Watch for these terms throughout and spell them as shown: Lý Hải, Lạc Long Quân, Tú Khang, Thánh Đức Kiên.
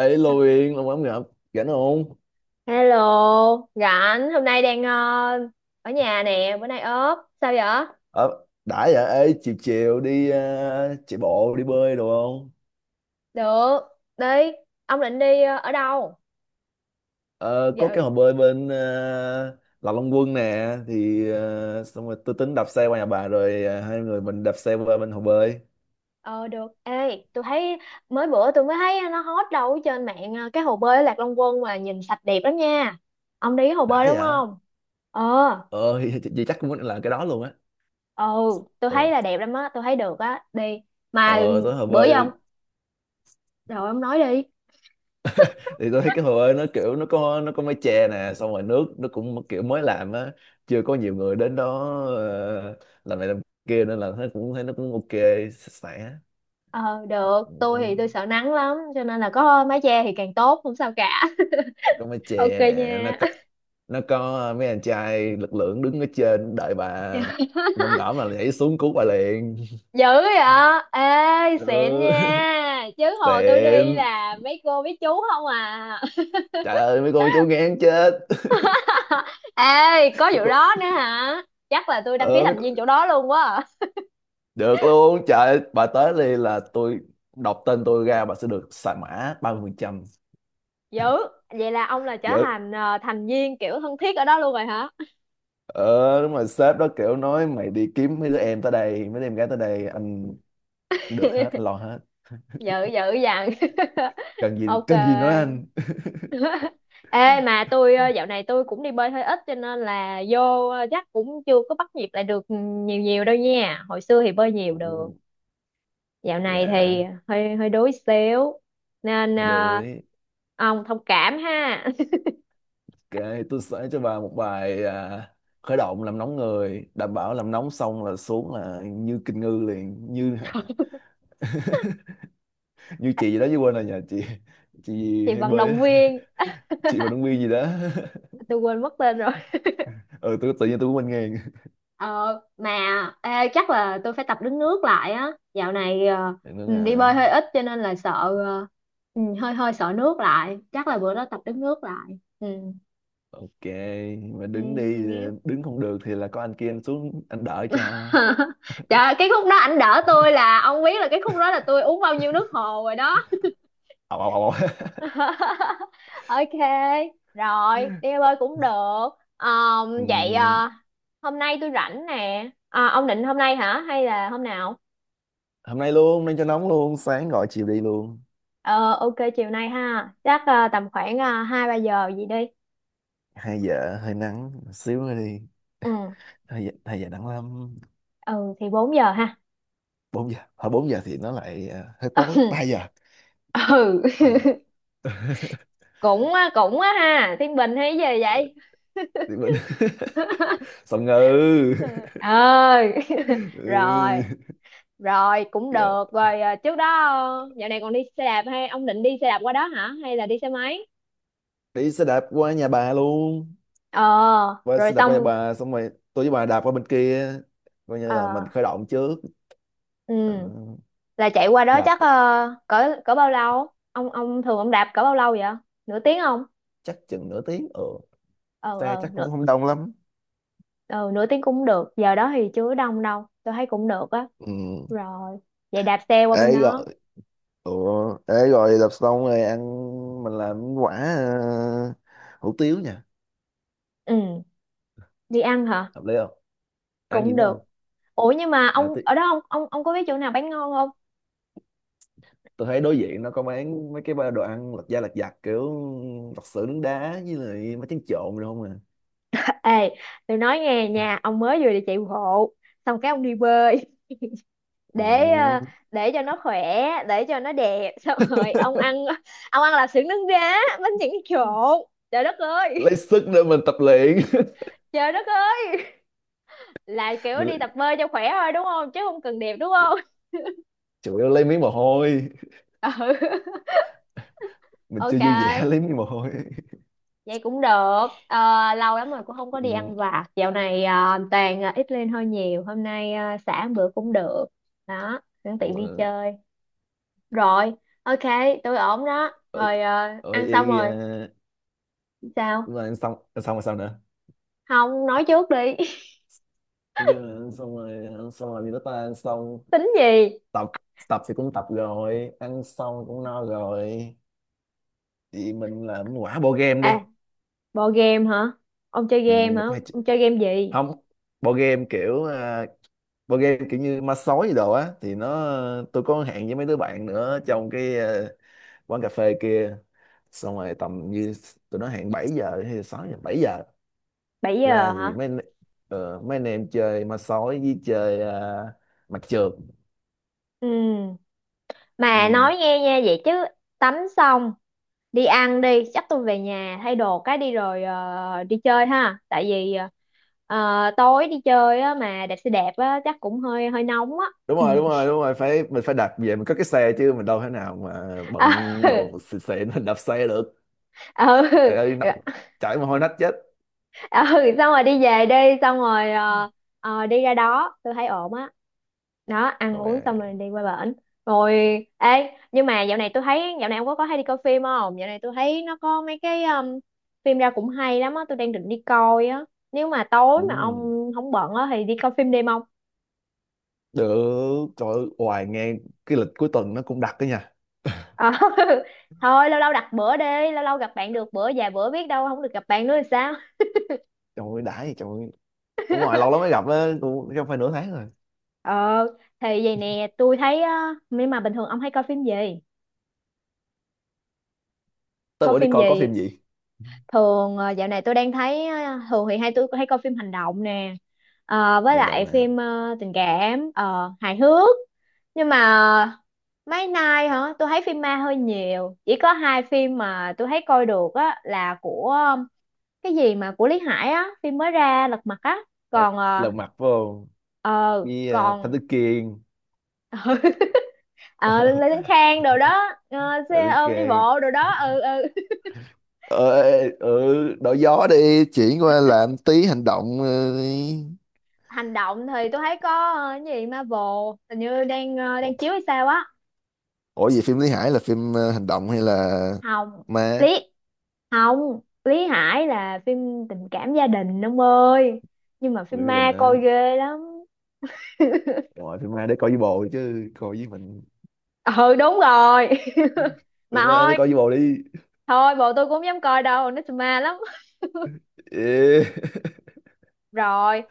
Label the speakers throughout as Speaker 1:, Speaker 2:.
Speaker 1: Ê Lô Yên, Long Bấm ngập, rảnh không?
Speaker 2: Hello, rảnh hôm nay đang ở nhà nè, bữa nay ốp. Sao vậy?
Speaker 1: Ờ, đã vậy, ê, chiều chiều đi chạy bộ, đi bơi đồ không?
Speaker 2: Được, đi. Ông định đi ở đâu?
Speaker 1: Ờ, có
Speaker 2: Giờ
Speaker 1: cái hồ bơi bên Lạc Long Quân nè, thì xong rồi tôi tính đạp xe qua nhà bà rồi hai người mình đạp xe qua bên hồ bơi.
Speaker 2: ờ được. Ê, tôi thấy mới bữa tôi mới thấy nó hot đâu ở trên mạng cái hồ bơi ở Lạc Long Quân mà nhìn sạch đẹp lắm nha. Ông đi cái hồ
Speaker 1: Đã
Speaker 2: bơi đúng
Speaker 1: vậy?
Speaker 2: không? Ờ,
Speaker 1: Ờ, thì chắc cũng là cái đó luôn á.
Speaker 2: ừ, tôi
Speaker 1: Ờ,
Speaker 2: thấy là đẹp lắm á, tôi thấy được á, đi. Mà
Speaker 1: ờ, tới hồ
Speaker 2: bữa giờ
Speaker 1: bơi
Speaker 2: ông rồi ông nói đi.
Speaker 1: thì tôi thấy cái hồ ơi nó kiểu nó có mái che nè, xong rồi nước nó cũng kiểu mới làm á, chưa có nhiều người đến đó, ờ, làm này làm kia nên là thấy nó cũng ok, sạch sẽ.
Speaker 2: Ờ được, tôi thì
Speaker 1: Ừ,
Speaker 2: tôi sợ nắng lắm cho nên là có mái che thì càng tốt, không sao cả.
Speaker 1: có mái
Speaker 2: Ok
Speaker 1: che nè, nó
Speaker 2: nha.
Speaker 1: có nó có mấy anh trai lực lượng đứng ở trên đợi bà ngom ngõm là nhảy xuống cứu bà liền.
Speaker 2: dữ vậy ê xịn
Speaker 1: Ừ.
Speaker 2: nha chứ hồi tôi đi
Speaker 1: Tiện,
Speaker 2: là mấy cô mấy chú không à
Speaker 1: trời ơi mấy cô chú ngán chết.
Speaker 2: ê có
Speaker 1: mấy
Speaker 2: vụ
Speaker 1: cô
Speaker 2: đó nữa hả chắc là tôi đăng ký
Speaker 1: ờ mấy
Speaker 2: thành
Speaker 1: cô
Speaker 2: viên chỗ đó luôn quá à.
Speaker 1: Được luôn, trời ơi, bà tới đi là tôi đọc tên tôi ra, bà sẽ được xài mã 30%.
Speaker 2: Dữ vậy là ông là trở
Speaker 1: Dạ.
Speaker 2: thành thành viên kiểu thân thiết ở đó luôn rồi hả
Speaker 1: Ờ, đúng rồi, sếp đó kiểu nói mày đi kiếm mấy đứa em tới đây, mấy đứa em gái tới đây, anh được hết, lo hết.
Speaker 2: dữ dữ dằn ok
Speaker 1: Cần gì nói anh.
Speaker 2: Ê mà tôi dạo này tôi cũng đi bơi hơi ít cho nên là vô chắc cũng chưa có bắt nhịp lại được nhiều nhiều đâu nha. Hồi xưa thì bơi nhiều được.
Speaker 1: Ồ.
Speaker 2: Dạo này thì
Speaker 1: Dạ.
Speaker 2: hơi hơi đuối xíu nên
Speaker 1: Phải đuổi.
Speaker 2: ông thông cảm ha.
Speaker 1: Ok, tôi sẽ cho bà một bài khởi động làm nóng người, đảm bảo làm nóng xong là xuống là như kinh ngư liền, như như chị gì đó chứ quên rồi, nhà chị gì
Speaker 2: Chị
Speaker 1: hay
Speaker 2: vận
Speaker 1: bơi
Speaker 2: động
Speaker 1: á,
Speaker 2: viên,
Speaker 1: chị và ứng viên gì đó.
Speaker 2: tôi quên mất tên rồi.
Speaker 1: Ừ, tôi tự nhiên tôi cũng bên ngang.
Speaker 2: Ờ mà ê, chắc là tôi phải tập đứng nước lại á. Dạo này
Speaker 1: Thì nó
Speaker 2: đi
Speaker 1: là
Speaker 2: bơi hơi ít cho nên là ờ, hơi hơi sợ nước lại. Chắc là bữa đó tập đứng nước lại. Ừ.
Speaker 1: ok, mà
Speaker 2: Ừ,
Speaker 1: đứng
Speaker 2: hơi
Speaker 1: đi
Speaker 2: ngán.
Speaker 1: đứng không được thì là có anh kia anh xuống anh đợi cho.
Speaker 2: Trời ơi, cái khúc đó ảnh đỡ tôi là ông biết là cái khúc đó là tôi uống bao nhiêu nước hồ rồi đó.
Speaker 1: Ầu ầu ầu ầu.
Speaker 2: ok rồi đi bơi cũng được Vậy
Speaker 1: Ừm,
Speaker 2: hôm nay tôi rảnh nè à, ông định hôm nay hả hay là hôm nào
Speaker 1: hôm nay luôn, hôm nay cho nóng luôn, sáng gọi chiều đi luôn.
Speaker 2: ờ ok chiều nay ha chắc tầm khoảng 2-3 giờ gì đi
Speaker 1: Hai giờ hơi nắng, xíu nữa đi.
Speaker 2: ừ
Speaker 1: 2 giờ, hai giờ nắng lắm.
Speaker 2: ừ thì 4 giờ ha
Speaker 1: 4 giờ hồi 4 giờ thì nó lại hơi tối. ba giờ
Speaker 2: ừ
Speaker 1: 3 giờ.
Speaker 2: cũng á ha thiên bình hay gì vậy
Speaker 1: Thì mình sao ngừ.
Speaker 2: ừ Ờ rồi
Speaker 1: Ừ.
Speaker 2: Rồi cũng
Speaker 1: Dạ.
Speaker 2: được Rồi à, trước đó dạo này còn đi xe đạp hay Ông định đi xe đạp qua đó hả Hay là đi xe máy
Speaker 1: Đi xe đạp qua nhà bà luôn,
Speaker 2: Ờ
Speaker 1: bà
Speaker 2: rồi
Speaker 1: sẽ đạp qua nhà
Speaker 2: xong
Speaker 1: bà xong rồi tôi với bà đạp qua bên kia, coi như là
Speaker 2: ờ,
Speaker 1: mình khởi động trước. Ừ,
Speaker 2: ừ, Là chạy qua đó
Speaker 1: đạp
Speaker 2: chắc cỡ cỡ bao lâu Ông thường ông đạp cỡ bao lâu vậy Nửa tiếng không
Speaker 1: chắc chừng nửa tiếng. Ừ,
Speaker 2: Ờ
Speaker 1: xe
Speaker 2: ờ
Speaker 1: chắc cũng
Speaker 2: nửa,
Speaker 1: không đông lắm.
Speaker 2: ờ, nửa tiếng cũng được Giờ đó thì chưa có đông đâu Tôi thấy cũng được á
Speaker 1: Ừ.
Speaker 2: Rồi vậy đạp xe qua bên
Speaker 1: Ấy rồi,
Speaker 2: đó
Speaker 1: ủa ấy rồi, đạp xong rồi ăn, mình làm quả hủ tiếu nha.
Speaker 2: Ừ đi ăn hả
Speaker 1: Hợp lý không? Ăn gì
Speaker 2: cũng
Speaker 1: nữa
Speaker 2: được
Speaker 1: không?
Speaker 2: Ủa nhưng mà
Speaker 1: mà
Speaker 2: ông
Speaker 1: tí-
Speaker 2: ở đó ông có biết chỗ nào bán ngon không
Speaker 1: tôi thấy đối diện nó có bán mấy cái ba đồ ăn lật da lật giặt, kiểu lật xưởng nướng đá với lại mấy trứng trộn rồi không à.
Speaker 2: Ê, tôi nói nghe nha, ông mới vừa đi chạy bộ, xong cái ông đi bơi
Speaker 1: Ừ.
Speaker 2: để ờ, để cho nó khỏe, để cho nó đẹp, xong rồi ông ăn là xưởng nướng đá, bánh chưng trộn. Trời đất ơi,
Speaker 1: Lấy sức để mình tập luyện.
Speaker 2: trời đất ơi, là kiểu
Speaker 1: Mình
Speaker 2: đi tập bơi cho khỏe thôi đúng không? Chứ không cần đẹp đúng không?
Speaker 1: chủ yếu lấy miếng mồ hôi,
Speaker 2: Ừ,
Speaker 1: mình chưa
Speaker 2: ok,
Speaker 1: vui vẻ, lấy miếng mồ hôi.
Speaker 2: vậy cũng được. Ờ, lâu lắm rồi cũng không có đi
Speaker 1: Ừ.
Speaker 2: ăn vặt. Dạo này toàn ít lên hơi nhiều. Hôm nay xả một bữa cũng được. Đó, sẵn tiện đi
Speaker 1: ờ,
Speaker 2: chơi. Rồi, ok, tôi ổn đó.
Speaker 1: ở
Speaker 2: Rồi
Speaker 1: ở
Speaker 2: ăn xong
Speaker 1: vậy
Speaker 2: rồi,
Speaker 1: à.
Speaker 2: sao?
Speaker 1: Đúng rồi, ăn xong rồi sao nữa?
Speaker 2: Không, nói trước đi.
Speaker 1: Nói chung là ăn xong rồi, ăn xong rồi vì nó ta ăn xong,
Speaker 2: Tính gì?
Speaker 1: tập tập thì cũng tập rồi, ăn xong cũng no rồi, thì mình làm quả board game đi.
Speaker 2: À, bộ game hả? Ông chơi
Speaker 1: Ừ,
Speaker 2: game
Speaker 1: mình
Speaker 2: hả?
Speaker 1: có hay ch-
Speaker 2: Ông chơi game gì?
Speaker 1: không, board game kiểu board game kiểu như ma sói gì đồ á thì nó, tôi có hẹn với mấy đứa bạn nữa trong cái quán cà phê kia, xong rồi tầm như tụi nó hẹn 7 giờ hay là 6 giờ 7 giờ
Speaker 2: 7 giờ
Speaker 1: ra thì
Speaker 2: hả?
Speaker 1: mấy mấy anh em chơi ma sói với chơi mặt trượt.
Speaker 2: Ừ. Mà
Speaker 1: Ừ.
Speaker 2: nói nghe nha vậy chứ tắm xong đi ăn đi, chắc tôi về nhà thay đồ cái đi rồi đi chơi ha. Tại vì tối đi chơi á mà đạp xe đạp á chắc cũng hơi hơi nóng á.
Speaker 1: Đúng
Speaker 2: Ừ.
Speaker 1: rồi, đúng rồi, đúng rồi, phải, mình phải đạp về, mình có cái xe chứ mình đâu thể nào mà bận đồ xịn xịn mình đạp xe được.
Speaker 2: ừ.
Speaker 1: Trời ơi
Speaker 2: ừ.
Speaker 1: chảy mồ hôi nách chết.
Speaker 2: ừ xong rồi đi về đi xong rồi đi ra đó tôi thấy ổn á đó. Ăn uống xong rồi
Speaker 1: Ok.
Speaker 2: đi qua bển rồi ê nhưng mà dạo này ông có hay đi coi phim không dạo này tôi thấy nó có mấy cái phim ra cũng hay lắm á tôi đang định đi coi á nếu mà
Speaker 1: Ừ.
Speaker 2: tối mà ông không bận á thì đi coi phim đêm ông
Speaker 1: Được, trời ơi hoài nghe, cái lịch cuối tuần nó cũng đặc đó nha.
Speaker 2: Ờ, thôi lâu lâu đặt bữa đi lâu lâu gặp bạn được bữa vài bữa biết đâu không được gặp bạn nữa thì sao
Speaker 1: Trời ơi đã gì, trời ơi đúng rồi, lâu lắm mới gặp á, cũng không phải nửa tháng rồi.
Speaker 2: ờ thì vậy nè tôi thấy á, nhưng mà bình thường ông hay
Speaker 1: Tới
Speaker 2: coi
Speaker 1: bữa đi
Speaker 2: phim
Speaker 1: coi có
Speaker 2: gì
Speaker 1: phim gì.
Speaker 2: thường dạo này tôi đang thấy thường thì hay tôi hay coi phim hành động nè Ờ, với
Speaker 1: Nghe đồng
Speaker 2: lại
Speaker 1: à.
Speaker 2: phim tình cảm hài hước nhưng mà mấy nay hả tôi thấy phim ma hơi nhiều chỉ có hai phim mà tôi thấy coi được á là của cái gì mà của Lý Hải á phim mới ra Lật Mặt á
Speaker 1: Ờ,
Speaker 2: còn
Speaker 1: lần mặt vô
Speaker 2: ờ,
Speaker 1: với Thánh
Speaker 2: còn
Speaker 1: Đức Kiên.
Speaker 2: ờ
Speaker 1: Thánh
Speaker 2: Lê Tấn Khang đồ đó xe
Speaker 1: Đức
Speaker 2: ôm đi
Speaker 1: Kiên.
Speaker 2: bộ đồ đó ừ ừ
Speaker 1: Đổi gió đi, chuyển qua làm tí hành động đi.
Speaker 2: hành động thì tôi thấy có cái gì Marvel hình như
Speaker 1: Ủa
Speaker 2: đang chiếu hay sao á
Speaker 1: ủa gì, phim Lý Hải là phim hành động hay là
Speaker 2: Hồng
Speaker 1: ma?
Speaker 2: Lý Hồng Lý Hải là phim tình cảm gia đình ông ơi nhưng mà
Speaker 1: Ủa,
Speaker 2: phim
Speaker 1: cái định
Speaker 2: ma
Speaker 1: ở,
Speaker 2: coi ghê lắm
Speaker 1: gọi phim ma để coi với bồ chứ coi với mình.
Speaker 2: ừ đúng rồi
Speaker 1: Phim
Speaker 2: mà
Speaker 1: ma để
Speaker 2: thôi
Speaker 1: coi với bồ đi.
Speaker 2: thôi bộ tôi cũng không dám coi đâu nó ma lắm
Speaker 1: Ê.
Speaker 2: rồi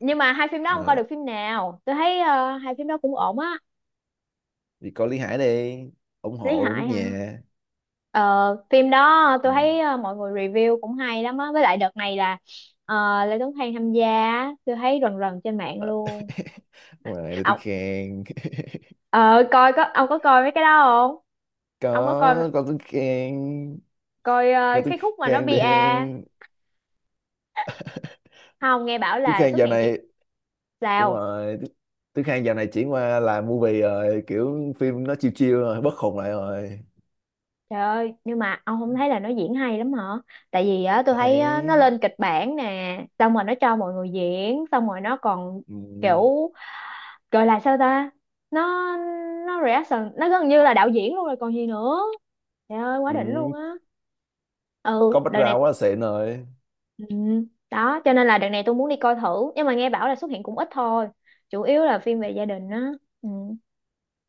Speaker 2: nhưng mà hai phim đó không coi
Speaker 1: Mà,
Speaker 2: được phim nào tôi thấy hai phim đó cũng ổn á
Speaker 1: đi coi Lý Hải đi, ủng
Speaker 2: Lý
Speaker 1: hộ nước
Speaker 2: Hải hả?
Speaker 1: nhà.
Speaker 2: Ờ, phim đó
Speaker 1: Ừ.
Speaker 2: tôi thấy mọi người review cũng hay lắm á. Với lại đợt này là Lê Tuấn Khang tham gia, á, tôi thấy rần rần trên mạng luôn.
Speaker 1: Ngoài là tiếng
Speaker 2: Ông
Speaker 1: khen.
Speaker 2: ông có coi mấy cái đó không? Ông có coi
Speaker 1: Có tiếng khen.
Speaker 2: coi
Speaker 1: Còn Tú
Speaker 2: cái khúc mà nó
Speaker 1: Khang đi.
Speaker 2: bia không? Nghe bảo
Speaker 1: Tú
Speaker 2: là
Speaker 1: Khang
Speaker 2: xuất
Speaker 1: dạo
Speaker 2: hiện chị
Speaker 1: này, đúng
Speaker 2: Sao?
Speaker 1: rồi, Tú Khang dạo này chuyển qua làm movie rồi, kiểu phim nó chill chill rồi, bất khùng lại rồi.
Speaker 2: Trời ơi, nhưng mà ông không thấy là nó diễn hay lắm hả? Tại vì á tôi thấy á, nó
Speaker 1: Ấy.
Speaker 2: lên kịch bản nè, xong rồi nó cho mọi người diễn, xong rồi nó còn
Speaker 1: Ừ.
Speaker 2: kiểu gọi là sao ta nó nó reaction nó gần như là đạo diễn luôn rồi còn gì nữa trời ơi quá đỉnh luôn
Speaker 1: Ừ.
Speaker 2: á
Speaker 1: Có
Speaker 2: ừ
Speaker 1: bách
Speaker 2: đợt
Speaker 1: ra
Speaker 2: này
Speaker 1: quá xịn rồi.
Speaker 2: ừ, đó cho nên là đợt này tôi muốn đi coi thử nhưng mà nghe bảo là xuất hiện cũng ít thôi chủ yếu là phim về gia đình á ừ.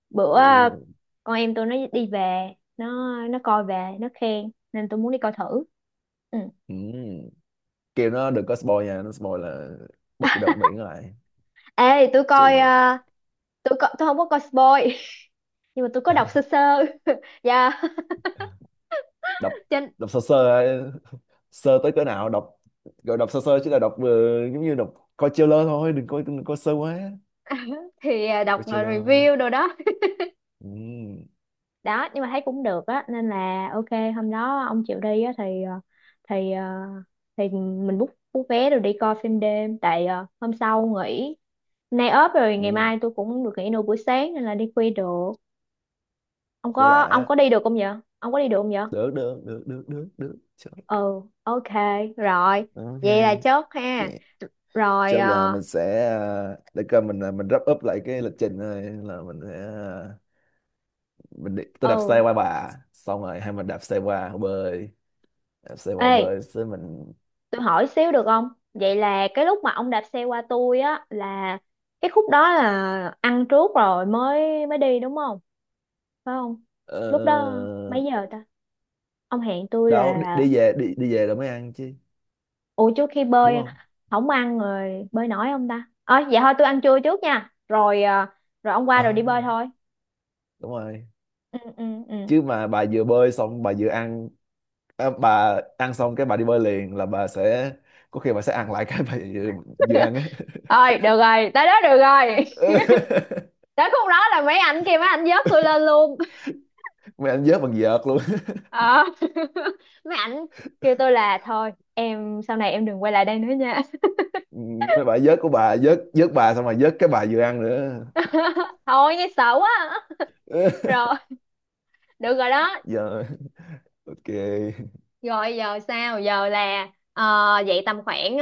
Speaker 2: bữa
Speaker 1: Ừ.
Speaker 2: con em tôi nó đi về nó coi về nó khen nên tôi muốn đi coi thử ừ.
Speaker 1: Ừ. Kêu nó đừng có spoil nha, nó spoil là bụp đập miệng lại,
Speaker 2: ê tôi
Speaker 1: chị
Speaker 2: coi
Speaker 1: mày.
Speaker 2: ờ, tôi co- tôi không có coi spoil nhưng mà tôi có đọc sơ sơ dạ
Speaker 1: đọc
Speaker 2: trên
Speaker 1: đọc sơ sơ ấy. Sơ tới cỡ nào? Đọc gọi đọc sơ sơ chứ, là đọc giống như đọc coi trailer thôi, đừng coi sơ quá.
Speaker 2: thì à, đọc
Speaker 1: Coi
Speaker 2: à,
Speaker 1: trailer thôi.
Speaker 2: review đồ đó
Speaker 1: Ừ.
Speaker 2: đó nhưng mà thấy cũng được á nên là ok hôm đó ông chịu đi á thì thì ờ, thì mình book book vé rồi đi coi phim đêm tại hôm sau nghỉ nay ốp rồi ngày
Speaker 1: Ừ.
Speaker 2: mai tôi cũng được nghỉ nửa buổi sáng nên là đi khuya được ông
Speaker 1: Quá
Speaker 2: có ông
Speaker 1: đã.
Speaker 2: có đi được không vậy ông có đi được không vậy
Speaker 1: Được, được, được, được, được, được, chốt.
Speaker 2: ừ ok rồi
Speaker 1: Ok.
Speaker 2: vậy là chốt
Speaker 1: Ok.
Speaker 2: ha rồi
Speaker 1: Chốt là mình sẽ để coi, mình là mình wrap up lại cái lịch trình này là mình sẽ mình đi, tôi đạp xe
Speaker 2: ừ
Speaker 1: qua bà xong rồi hai mình đạp xe qua hồ bơi, đạp xe qua hồ
Speaker 2: ê
Speaker 1: bơi xong mình
Speaker 2: Tôi hỏi xíu được không? Vậy là cái lúc mà ông đạp xe qua tôi á là cái khúc đó là ăn trước rồi mới mới đi đúng không? Phải không?
Speaker 1: ờ,
Speaker 2: Lúc đó mấy giờ ta? Ông hẹn tôi là
Speaker 1: đâu, đi đi về, đi đi về rồi mới ăn chứ,
Speaker 2: ủa trước khi
Speaker 1: đúng
Speaker 2: bơi
Speaker 1: không?
Speaker 2: không ăn rồi bơi nổi không ta? Ờ vậy thôi tôi ăn trưa trước nha. Rồi ông qua rồi đi
Speaker 1: Ờ đúng
Speaker 2: bơi
Speaker 1: rồi,
Speaker 2: thôi.
Speaker 1: đúng rồi,
Speaker 2: Ừ ừ ừ.
Speaker 1: chứ mà bà vừa bơi xong bà vừa ăn bà ăn xong cái bà đi bơi liền là bà sẽ, có khi bà sẽ ăn lại cái bà vừa ăn á.
Speaker 2: Ơi được rồi, tới đó được rồi. Tới khúc đó là mấy ảnh vớt tôi lên luôn.
Speaker 1: Mấy anh vớt bằng vợt luôn.
Speaker 2: ờ mấy ảnh kêu tôi là thôi em sau này em đừng quay lại đây nữa nha
Speaker 1: Mấy bà vớt của bà, vớt vớt bà xong rồi vớt cái bà vừa ăn nữa.
Speaker 2: thôi nghe sợ quá rồi được rồi đó
Speaker 1: Giờ ok.
Speaker 2: rồi giờ sao giờ là ờ, dậy tầm khoảng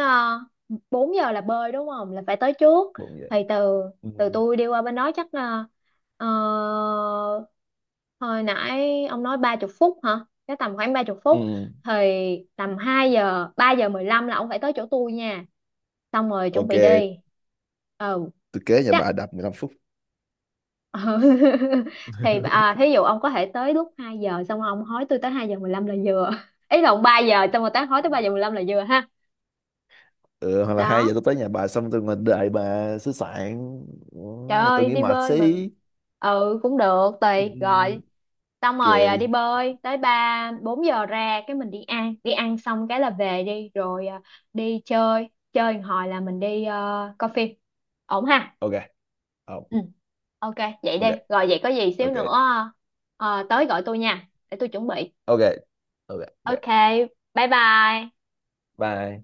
Speaker 2: 4 giờ là bơi đúng không là phải tới trước
Speaker 1: Bốn
Speaker 2: thì
Speaker 1: vậy.
Speaker 2: từ
Speaker 1: Ừ.
Speaker 2: từ tôi đi qua bên đó chắc là ờ, hồi nãy ông nói 30 phút hả cái tầm khoảng 30 phút
Speaker 1: Ừ.
Speaker 2: thì tầm 2 giờ 3:15 là ông phải tới chỗ tôi nha xong rồi chuẩn
Speaker 1: Ok,
Speaker 2: bị đi ừ
Speaker 1: tôi kế nhà
Speaker 2: chắc
Speaker 1: bà, đạp 15 phút.
Speaker 2: ừ. thì à, thí dụ ông có thể tới lúc 2 giờ xong rồi ông hối tôi tới 2:15 là vừa ý lộn 3 giờ xong rồi tán hối tới 3:15 là vừa ha
Speaker 1: Ừ, hoặc là hai
Speaker 2: đó
Speaker 1: giờ tôi tới nhà bà xong tôi ngồi đợi bà xứ sạn. Ừ,
Speaker 2: trời
Speaker 1: tôi
Speaker 2: ơi
Speaker 1: nghĩ
Speaker 2: đi
Speaker 1: mệt
Speaker 2: bơi mà
Speaker 1: xí.
Speaker 2: ừ cũng được
Speaker 1: Ừ,
Speaker 2: tùy rồi xong rồi à, đi
Speaker 1: ok
Speaker 2: bơi tới 3-4 giờ ra cái mình đi ăn xong cái là về đi rồi à, đi chơi chơi một hồi là mình đi coi phim ổn ha
Speaker 1: ok. Ờ,
Speaker 2: ừ ok vậy đi
Speaker 1: ok
Speaker 2: rồi vậy có gì xíu
Speaker 1: ok
Speaker 2: nữa tới gọi tôi nha để tôi chuẩn bị
Speaker 1: ok ok ok,
Speaker 2: Ok, bye bye.
Speaker 1: bye.